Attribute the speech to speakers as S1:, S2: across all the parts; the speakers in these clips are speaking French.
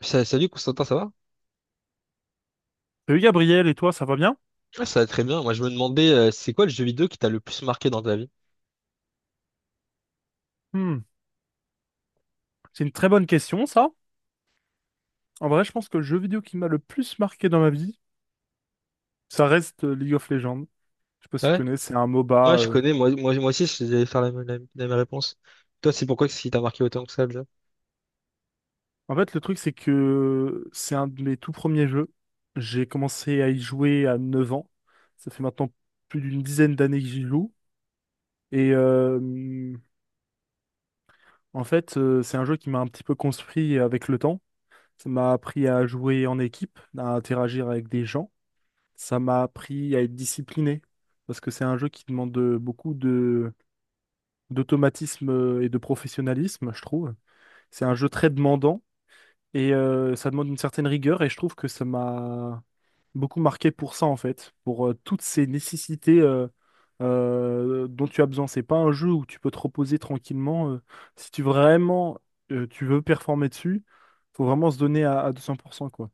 S1: Salut Constantin, ça va?
S2: Salut Gabriel, et toi, ça va bien?
S1: Ouais, ça va très bien. Moi, je me demandais, c'est quoi le jeu vidéo qui t'a le plus marqué dans ta vie?
S2: Hmm, C'est une très bonne question, ça. En vrai, je pense que le jeu vidéo qui m'a le plus marqué dans ma vie, ça reste League of Legends. Je sais pas si tu
S1: Ouais,
S2: connais, c'est un MOBA.
S1: ouais, je connais. Moi, aussi, j'allais faire la, même la même réponse. Toi, c'est pourquoi que ce qui t'a marqué autant que ça, déjà?
S2: En fait, le truc, c'est que c'est un de mes tout premiers jeux. J'ai commencé à y jouer à 9 ans. Ça fait maintenant plus d'une dizaine d'années que j'y joue. Et en fait, c'est un jeu qui m'a un petit peu construit avec le temps. Ça m'a appris à jouer en équipe, à interagir avec des gens. Ça m'a appris à être discipliné, parce que c'est un jeu qui demande beaucoup de d'automatisme et de professionnalisme, je trouve. C'est un jeu très demandant et ça demande une certaine rigueur et je trouve que ça m'a beaucoup marqué pour ça en fait, pour toutes ces nécessités dont tu as besoin. C'est pas un jeu où tu peux te reposer tranquillement. Si tu vraiment tu veux performer dessus, faut vraiment se donner à 200% quoi.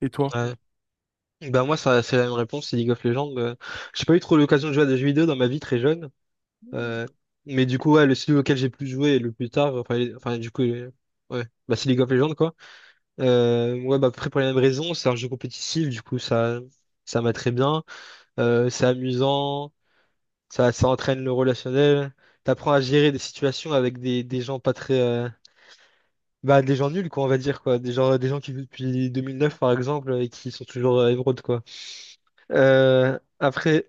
S2: Et toi?
S1: Ouais. Ben moi, ça, c'est la même réponse, c'est League of Legends. J'ai pas eu trop l'occasion de jouer à des jeux vidéo dans ma vie très jeune. Euh, mais du coup, ouais, le celui auquel j'ai plus joué le plus tard, enfin, enfin du coup, ouais, bah, c'est League of Legends, quoi. Ouais, bah, après, pour les mêmes raisons, c'est un jeu compétitif, du coup, ça m'a très bien. C'est amusant. Ça entraîne le relationnel. T'apprends à gérer des situations avec des gens pas très... bah, des gens nuls, quoi, on va dire, quoi. Des gens qui vivent depuis 2009, par exemple, et qui sont toujours émeraudes, quoi. Après,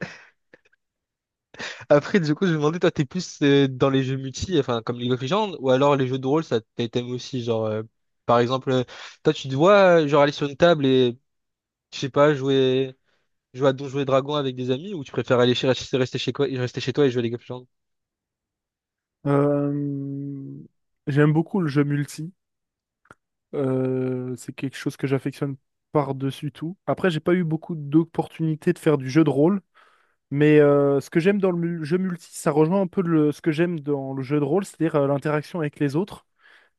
S1: après, du coup, je me demandais, toi, t'es plus dans les jeux multi, enfin, comme League of Legends, ou alors les jeux de rôle, t'aimes aussi, genre... par exemple, toi, tu te vois, genre, aller sur une table et, je sais pas, jouer à Donjons et Dragons avec des amis, ou tu préfères aller chez, rester chez quoi, rester chez toi et jouer à League of Legends?
S2: Euh, J'aime beaucoup le jeu multi. C'est quelque chose que j'affectionne par-dessus tout. Après, j'ai pas eu beaucoup d'opportunités de faire du jeu de rôle, mais ce que j'aime dans le jeu multi, ça rejoint un peu ce que j'aime dans le jeu de rôle, c'est-à-dire l'interaction avec les autres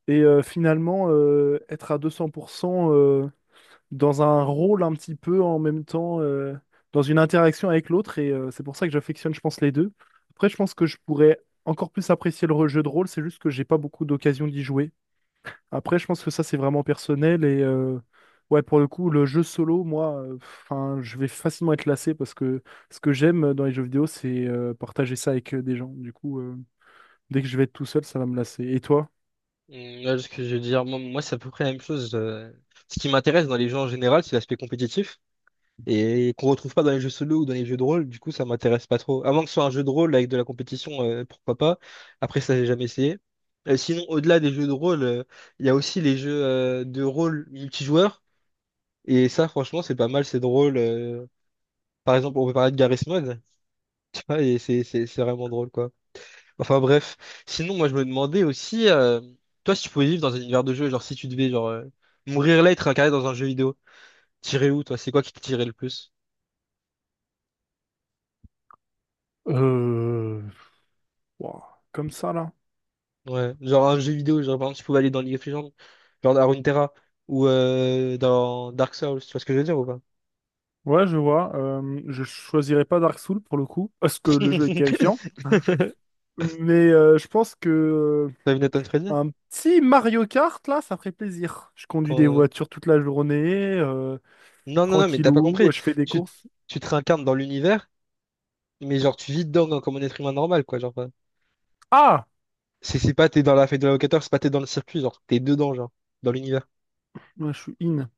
S2: et finalement être à 200% dans un rôle un petit peu en même temps, dans une interaction avec l'autre, et c'est pour ça que j'affectionne, je pense, les deux. Après, je pense que je pourrais encore plus apprécier le jeu de rôle, c'est juste que j'ai pas beaucoup d'occasion d'y jouer. Après, je pense que ça, c'est vraiment personnel. Et ouais, pour le coup, le jeu solo, moi, enfin, je vais facilement être lassé parce que ce que j'aime dans les jeux vidéo, c'est partager ça avec des gens. Du coup, dès que je vais être tout seul, ça va me lasser. Et toi?
S1: Mm, ouais, ce que je veux dire, moi, c'est à peu près la même chose. Ce qui m'intéresse dans les jeux en général, c'est l'aspect compétitif et qu'on retrouve pas dans les jeux solo ou dans les jeux de rôle. Du coup, ça m'intéresse pas trop. À moins que ce soit un jeu de rôle avec de la compétition, pourquoi pas. Après, ça, j'ai jamais essayé. Sinon, au-delà des jeux de rôle, il y a aussi les jeux de rôle multijoueurs. Et ça, franchement, c'est pas mal, c'est drôle. Par exemple, on peut parler de Garry's Mod, tu vois, et c'est vraiment drôle, quoi. Enfin bref. Sinon, moi je me demandais aussi, toi si tu pouvais vivre dans un univers de jeu, genre si tu devais genre mourir là et te réincarner dans un jeu vidéo, t'irais où toi? C'est quoi qui te tirait le plus?
S2: Euh, Ouah, comme ça, là.
S1: Ouais, genre un jeu vidéo, genre par exemple tu pouvais aller dans League of Legends, genre à Runeterra ou dans Dark Souls, tu vois ce que je veux dire ou pas?
S2: Ouais, je vois. Je choisirais pas Dark Souls pour le coup, parce que le jeu est terrifiant. Hein. Mais je pense que
S1: T'as vu Nathan Freddy?
S2: un petit Mario Kart, là, ça ferait plaisir. Je conduis
S1: Quand,
S2: des
S1: euh,
S2: voitures toute la journée. euh,
S1: Non, non, non, mais t'as pas
S2: Tranquillou,
S1: compris.
S2: je fais des
S1: Tu,
S2: courses.
S1: tu te réincarnes dans l'univers, mais genre tu vis dedans comme un être humain normal, quoi. Genre,
S2: Ah!
S1: c'est pas t'es dans la fête de l'avocateur, c'est pas t'es dans le circuit, genre t'es dedans, genre, dans l'univers.
S2: Ouais, je suis in.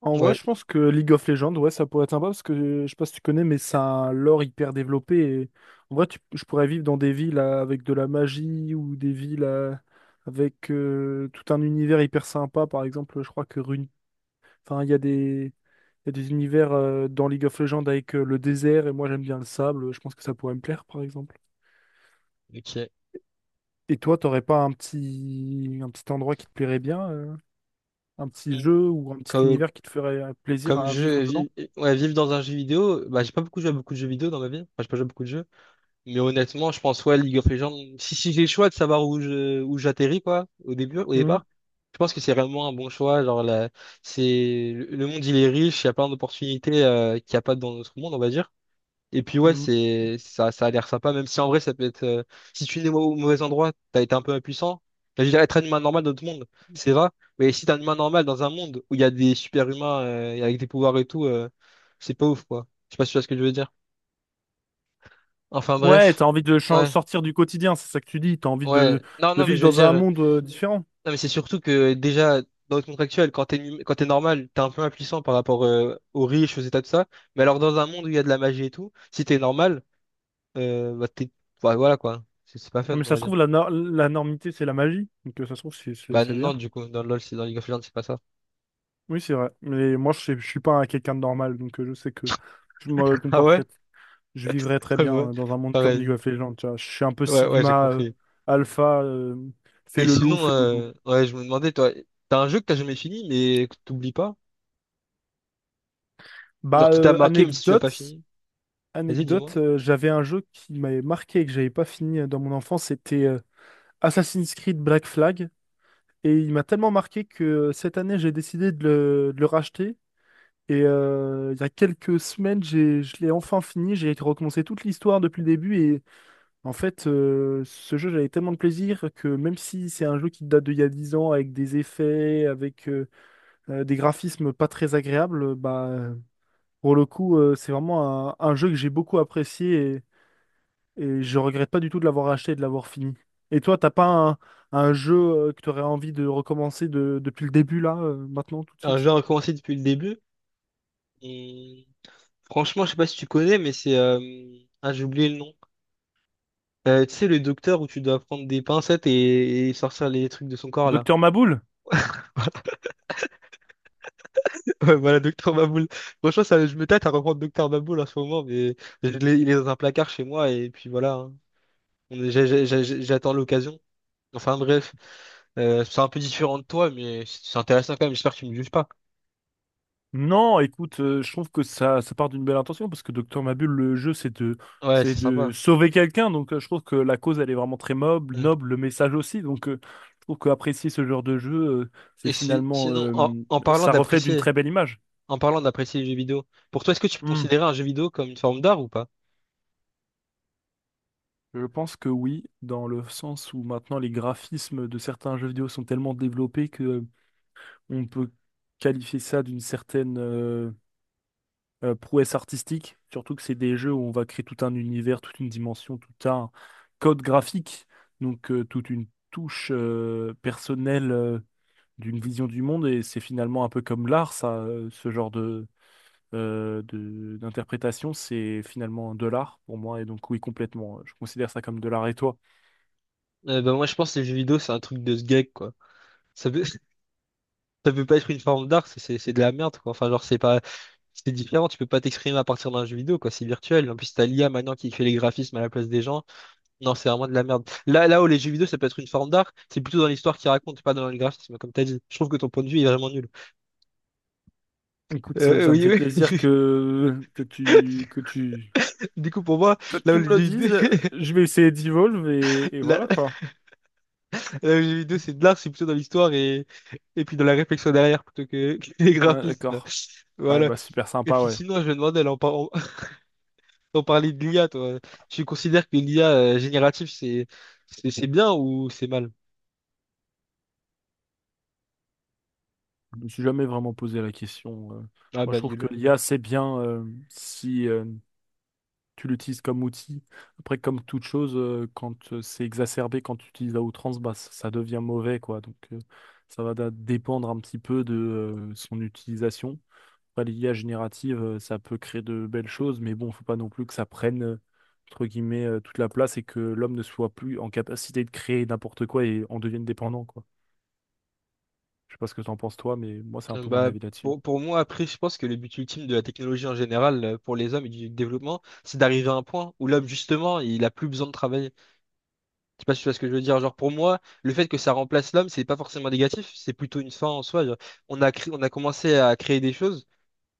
S2: En vrai,
S1: Ouais,
S2: je pense que League of Legends, ouais, ça pourrait être sympa parce que je sais pas si tu connais, mais c'est un lore hyper développé. Et en vrai, je pourrais vivre dans des villes avec de la magie ou des villes avec tout un univers hyper sympa. Par exemple, je crois que enfin, il y a des univers dans League of Legends avec le désert et moi j'aime bien le sable. Je pense que ça pourrait me plaire, par exemple.
S1: ok.
S2: Et toi, t'aurais pas un petit endroit qui te plairait bien? Un petit
S1: Mm.
S2: jeu ou un petit
S1: Comme,
S2: univers qui te ferait plaisir
S1: comme
S2: à vivre
S1: jeu,
S2: dedans?
S1: ouais, vivre dans un jeu vidéo, bah, j'ai pas beaucoup joué à beaucoup de jeux vidéo dans ma vie. Enfin, j'ai pas joué à beaucoup de jeux. Mais honnêtement, je pense, ouais, League of Legends, si j'ai le choix de savoir où j'atterris, quoi, au début, au
S2: Mhm.
S1: départ, je pense que c'est vraiment un bon choix. Genre, là, le monde, il est riche, il y a plein d'opportunités, qu'il n'y a pas dans notre monde, on va dire. Et puis ouais,
S2: Mhm.
S1: ça a l'air sympa, même si en vrai ça peut être si tu es au mauvais endroit, t'as été un peu impuissant. Là, je veux dire être un humain normal dans notre monde, c'est vrai. Mais si t'es un humain normal dans un monde où il y a des super-humains et avec des pouvoirs et tout, c'est pas ouf quoi. Je sais pas si tu vois ce que je veux dire. Enfin
S2: Ouais,
S1: bref.
S2: t'as envie de
S1: Ouais,
S2: sortir du quotidien, c'est ça que tu dis. T'as envie
S1: ouais.
S2: de,
S1: Non,
S2: de
S1: non, mais
S2: vivre
S1: je veux
S2: dans
S1: dire.
S2: un monde différent.
S1: Non, mais c'est surtout que déjà, dans notre monde actuel, quand t'es normal, t'es un peu impuissant par rapport aux riches, aux états, tout ça. Mais alors dans un monde où il y a de la magie et tout, si t'es normal. Bah, bah, voilà quoi. C'est pas fun,
S2: Non, mais
S1: on
S2: ça
S1: va
S2: se
S1: dire.
S2: trouve, la, nor- la normité, c'est la magie. Donc ça se trouve, c'est c'est-
S1: Bah
S2: c'est
S1: non,
S2: bien.
S1: du coup, dans LoL, c'est dans League of Legends, c'est pas ça.
S2: Oui, c'est vrai. Mais moi, je suis pas un quelqu'un de normal, donc je sais que je me
S1: Ah ouais?
S2: comporterais, je vivrais très
S1: Ouais, ouais.
S2: bien dans un monde comme League
S1: Pareil.
S2: of Legends. Tu vois. Je suis un peu
S1: Ouais, ouais, j'ai
S2: Sigma,
S1: compris.
S2: Alpha, fais
S1: Et
S2: le loup,
S1: sinon,
S2: fais le loup.
S1: ouais, je me demandais, toi, t'as un jeu que t'as jamais fini, mais que t'oublies pas? Genre
S2: Bah,
S1: qui t'a marqué même si tu l'as pas fini? Vas-y, dis-moi.
S2: Anecdote, j'avais un jeu qui m'avait marqué et que j'avais pas fini dans mon enfance, c'était Assassin's Creed Black Flag. Et il m'a tellement marqué que cette année, j'ai décidé de le racheter. Et il y a quelques semaines, je l'ai enfin fini. J'ai recommencé toute l'histoire depuis le début. Et en fait, ce jeu, j'avais tellement de plaisir que même si c'est un jeu qui date d'il y a 10 ans, avec des effets, avec des graphismes pas très agréables, bah, pour le coup, c'est vraiment un jeu que j'ai beaucoup apprécié. Et je regrette pas du tout de l'avoir acheté et de l'avoir fini. Et toi, t'as pas un jeu que tu aurais envie de recommencer depuis le début, là, maintenant, tout de
S1: Un jeu
S2: suite?
S1: à recommencer depuis le début. Et franchement, je sais pas si tu connais, mais c'est... ah, j'ai oublié le nom. Tu sais, le docteur où tu dois prendre des pincettes et sortir les trucs de son corps, là.
S2: Docteur Maboul?
S1: Ouais, voilà, Docteur Maboul. Franchement, ça, je me tâte à reprendre Docteur Maboul en ce moment, mais il est dans un placard chez moi, et puis voilà. Hein. J'attends l'occasion. Enfin, bref. C'est un peu différent de toi, mais c'est intéressant quand même. J'espère que tu me juges pas.
S2: Non, écoute, je trouve que ça part d'une belle intention parce que Docteur Mabule, le jeu, c'est de,
S1: Ouais,
S2: c'est
S1: c'est
S2: de
S1: sympa.
S2: sauver quelqu'un. Donc, je trouve que la cause, elle est vraiment très noble,
S1: Ouais.
S2: noble, le message aussi. Donc, je trouve qu'apprécier ce genre de jeu, c'est
S1: Et si,
S2: finalement,
S1: sinon,
S2: ça reflète une très belle image.
S1: en parlant d'apprécier les jeux vidéo, pour toi, est-ce que tu peux
S2: Hmm.
S1: considérer un jeu vidéo comme une forme d'art ou pas?
S2: Je pense que oui, dans le sens où maintenant les graphismes de certains jeux vidéo sont tellement développés que on peut qualifier ça d'une certaine prouesse artistique, surtout que c'est des jeux où on va créer tout un univers, toute une dimension, tout un code graphique, donc toute une touche personnelle d'une vision du monde, et c'est finalement un peu comme l'art, ça, ce genre d'interprétation, c'est finalement de l'art pour moi, et donc oui, complètement, je considère ça comme de l'art. Et toi?
S1: Ben moi, je pense que les jeux vidéo, c'est un truc de ce geek, quoi. Ça, peut- ça peut pas être une forme d'art, c'est de la merde, quoi. Enfin, genre, c'est différent, tu peux pas t'exprimer à partir d'un jeu vidéo, quoi, c'est virtuel. En plus, t'as l'IA maintenant qui fait les graphismes à la place des gens. Non, c'est vraiment de la merde. Là où les jeux vidéo, ça peut être une forme d'art, c'est plutôt dans l'histoire qu'ils racontent, pas dans le graphisme, comme t'as dit. Je trouve que ton point de vue est vraiment nul.
S2: Écoute, ça, ça me fait
S1: Oui, oui.
S2: plaisir que, que tu, que tu,
S1: Du coup, pour moi,
S2: que
S1: là où
S2: tu
S1: les
S2: me le
S1: jeux vidéo,
S2: dises, je vais essayer d'Evolve, et voilà
S1: là
S2: quoi.
S1: où les jeux vidéo, c'est de l'art, c'est plutôt dans l'histoire et puis dans la réflexion derrière, plutôt que, que les
S2: Ah,
S1: graphismes.
S2: d'accord. Ouais,
S1: Voilà.
S2: bah super
S1: Et
S2: sympa,
S1: puis
S2: ouais.
S1: sinon, je me demandais, là, on parlait de l'IA, toi. Tu considères que l'IA générative, c'est bien ou c'est mal?
S2: Je me suis jamais vraiment posé la question.
S1: Ah
S2: Moi, je
S1: bah
S2: trouve que
S1: nul.
S2: l'IA, c'est bien si tu l'utilises comme outil. Après, comme toute chose, quand c'est exacerbé, quand tu utilises à outrance, bah, ça devient mauvais, quoi. Donc, ça va dépendre un petit peu de son utilisation. Après, l'IA générative, ça peut créer de belles choses, mais bon, faut pas non plus que ça prenne, entre guillemets, toute la place et que l'homme ne soit plus en capacité de créer n'importe quoi et en devienne dépendant, quoi. Je sais pas ce que t'en penses toi, mais moi c'est un
S1: Euh,
S2: peu mon
S1: Bah,
S2: avis là-dessus.
S1: pour moi, après, je pense que le but ultime de la technologie en général, pour les hommes et du développement, c'est d'arriver à un point où l'homme, justement, il a plus besoin de travailler. Je sais pas si tu vois ce que je veux dire. Genre, pour moi, le fait que ça remplace l'homme, c'est pas forcément négatif, c'est plutôt une fin en soi. Genre, on a commencé à créer des choses.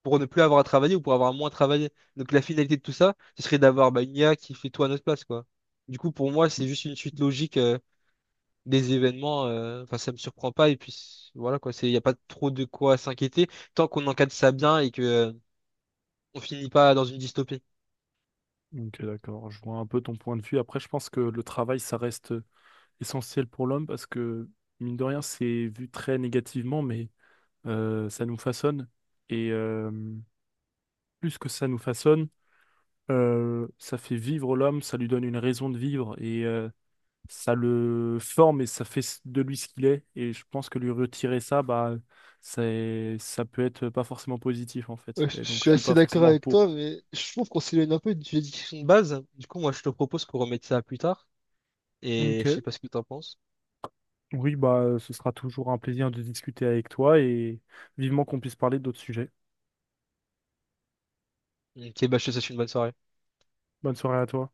S1: Pour ne plus avoir à travailler ou pour avoir moins travaillé. Donc la finalité de tout ça, ce serait d'avoir bah, une IA qui fait tout à notre place, quoi. Du coup, pour moi, c'est juste une suite logique des événements. Enfin, ça me surprend pas. Et puis voilà, quoi. Il n'y a pas trop de quoi s'inquiéter tant qu'on encadre ça bien et que on finit pas dans une dystopie.
S2: Ok, d'accord. Je vois un peu ton point de vue. Après, je pense que le travail, ça reste essentiel pour l'homme parce que, mine de rien, c'est vu très négativement, mais ça nous façonne. Et plus que ça nous façonne, ça fait vivre l'homme, ça lui donne une raison de vivre. Et ça le forme et ça fait de lui ce qu'il est. Et je pense que lui retirer ça, bah, ça peut être pas forcément positif en
S1: Ouais,
S2: fait. Et
S1: je
S2: donc
S1: suis
S2: je suis
S1: assez
S2: pas
S1: d'accord
S2: forcément
S1: avec
S2: pour.
S1: toi, mais je trouve qu'on s'éloigne un peu du Discussion de base. Du coup, moi, je te propose qu'on remette ça à plus tard. Et
S2: Ok.
S1: je sais pas ce que tu en penses.
S2: Oui, bah, ce sera toujours un plaisir de discuter avec toi et vivement qu'on puisse parler d'autres sujets.
S1: Ok, bah, je te souhaite une bonne soirée.
S2: Bonne soirée à toi.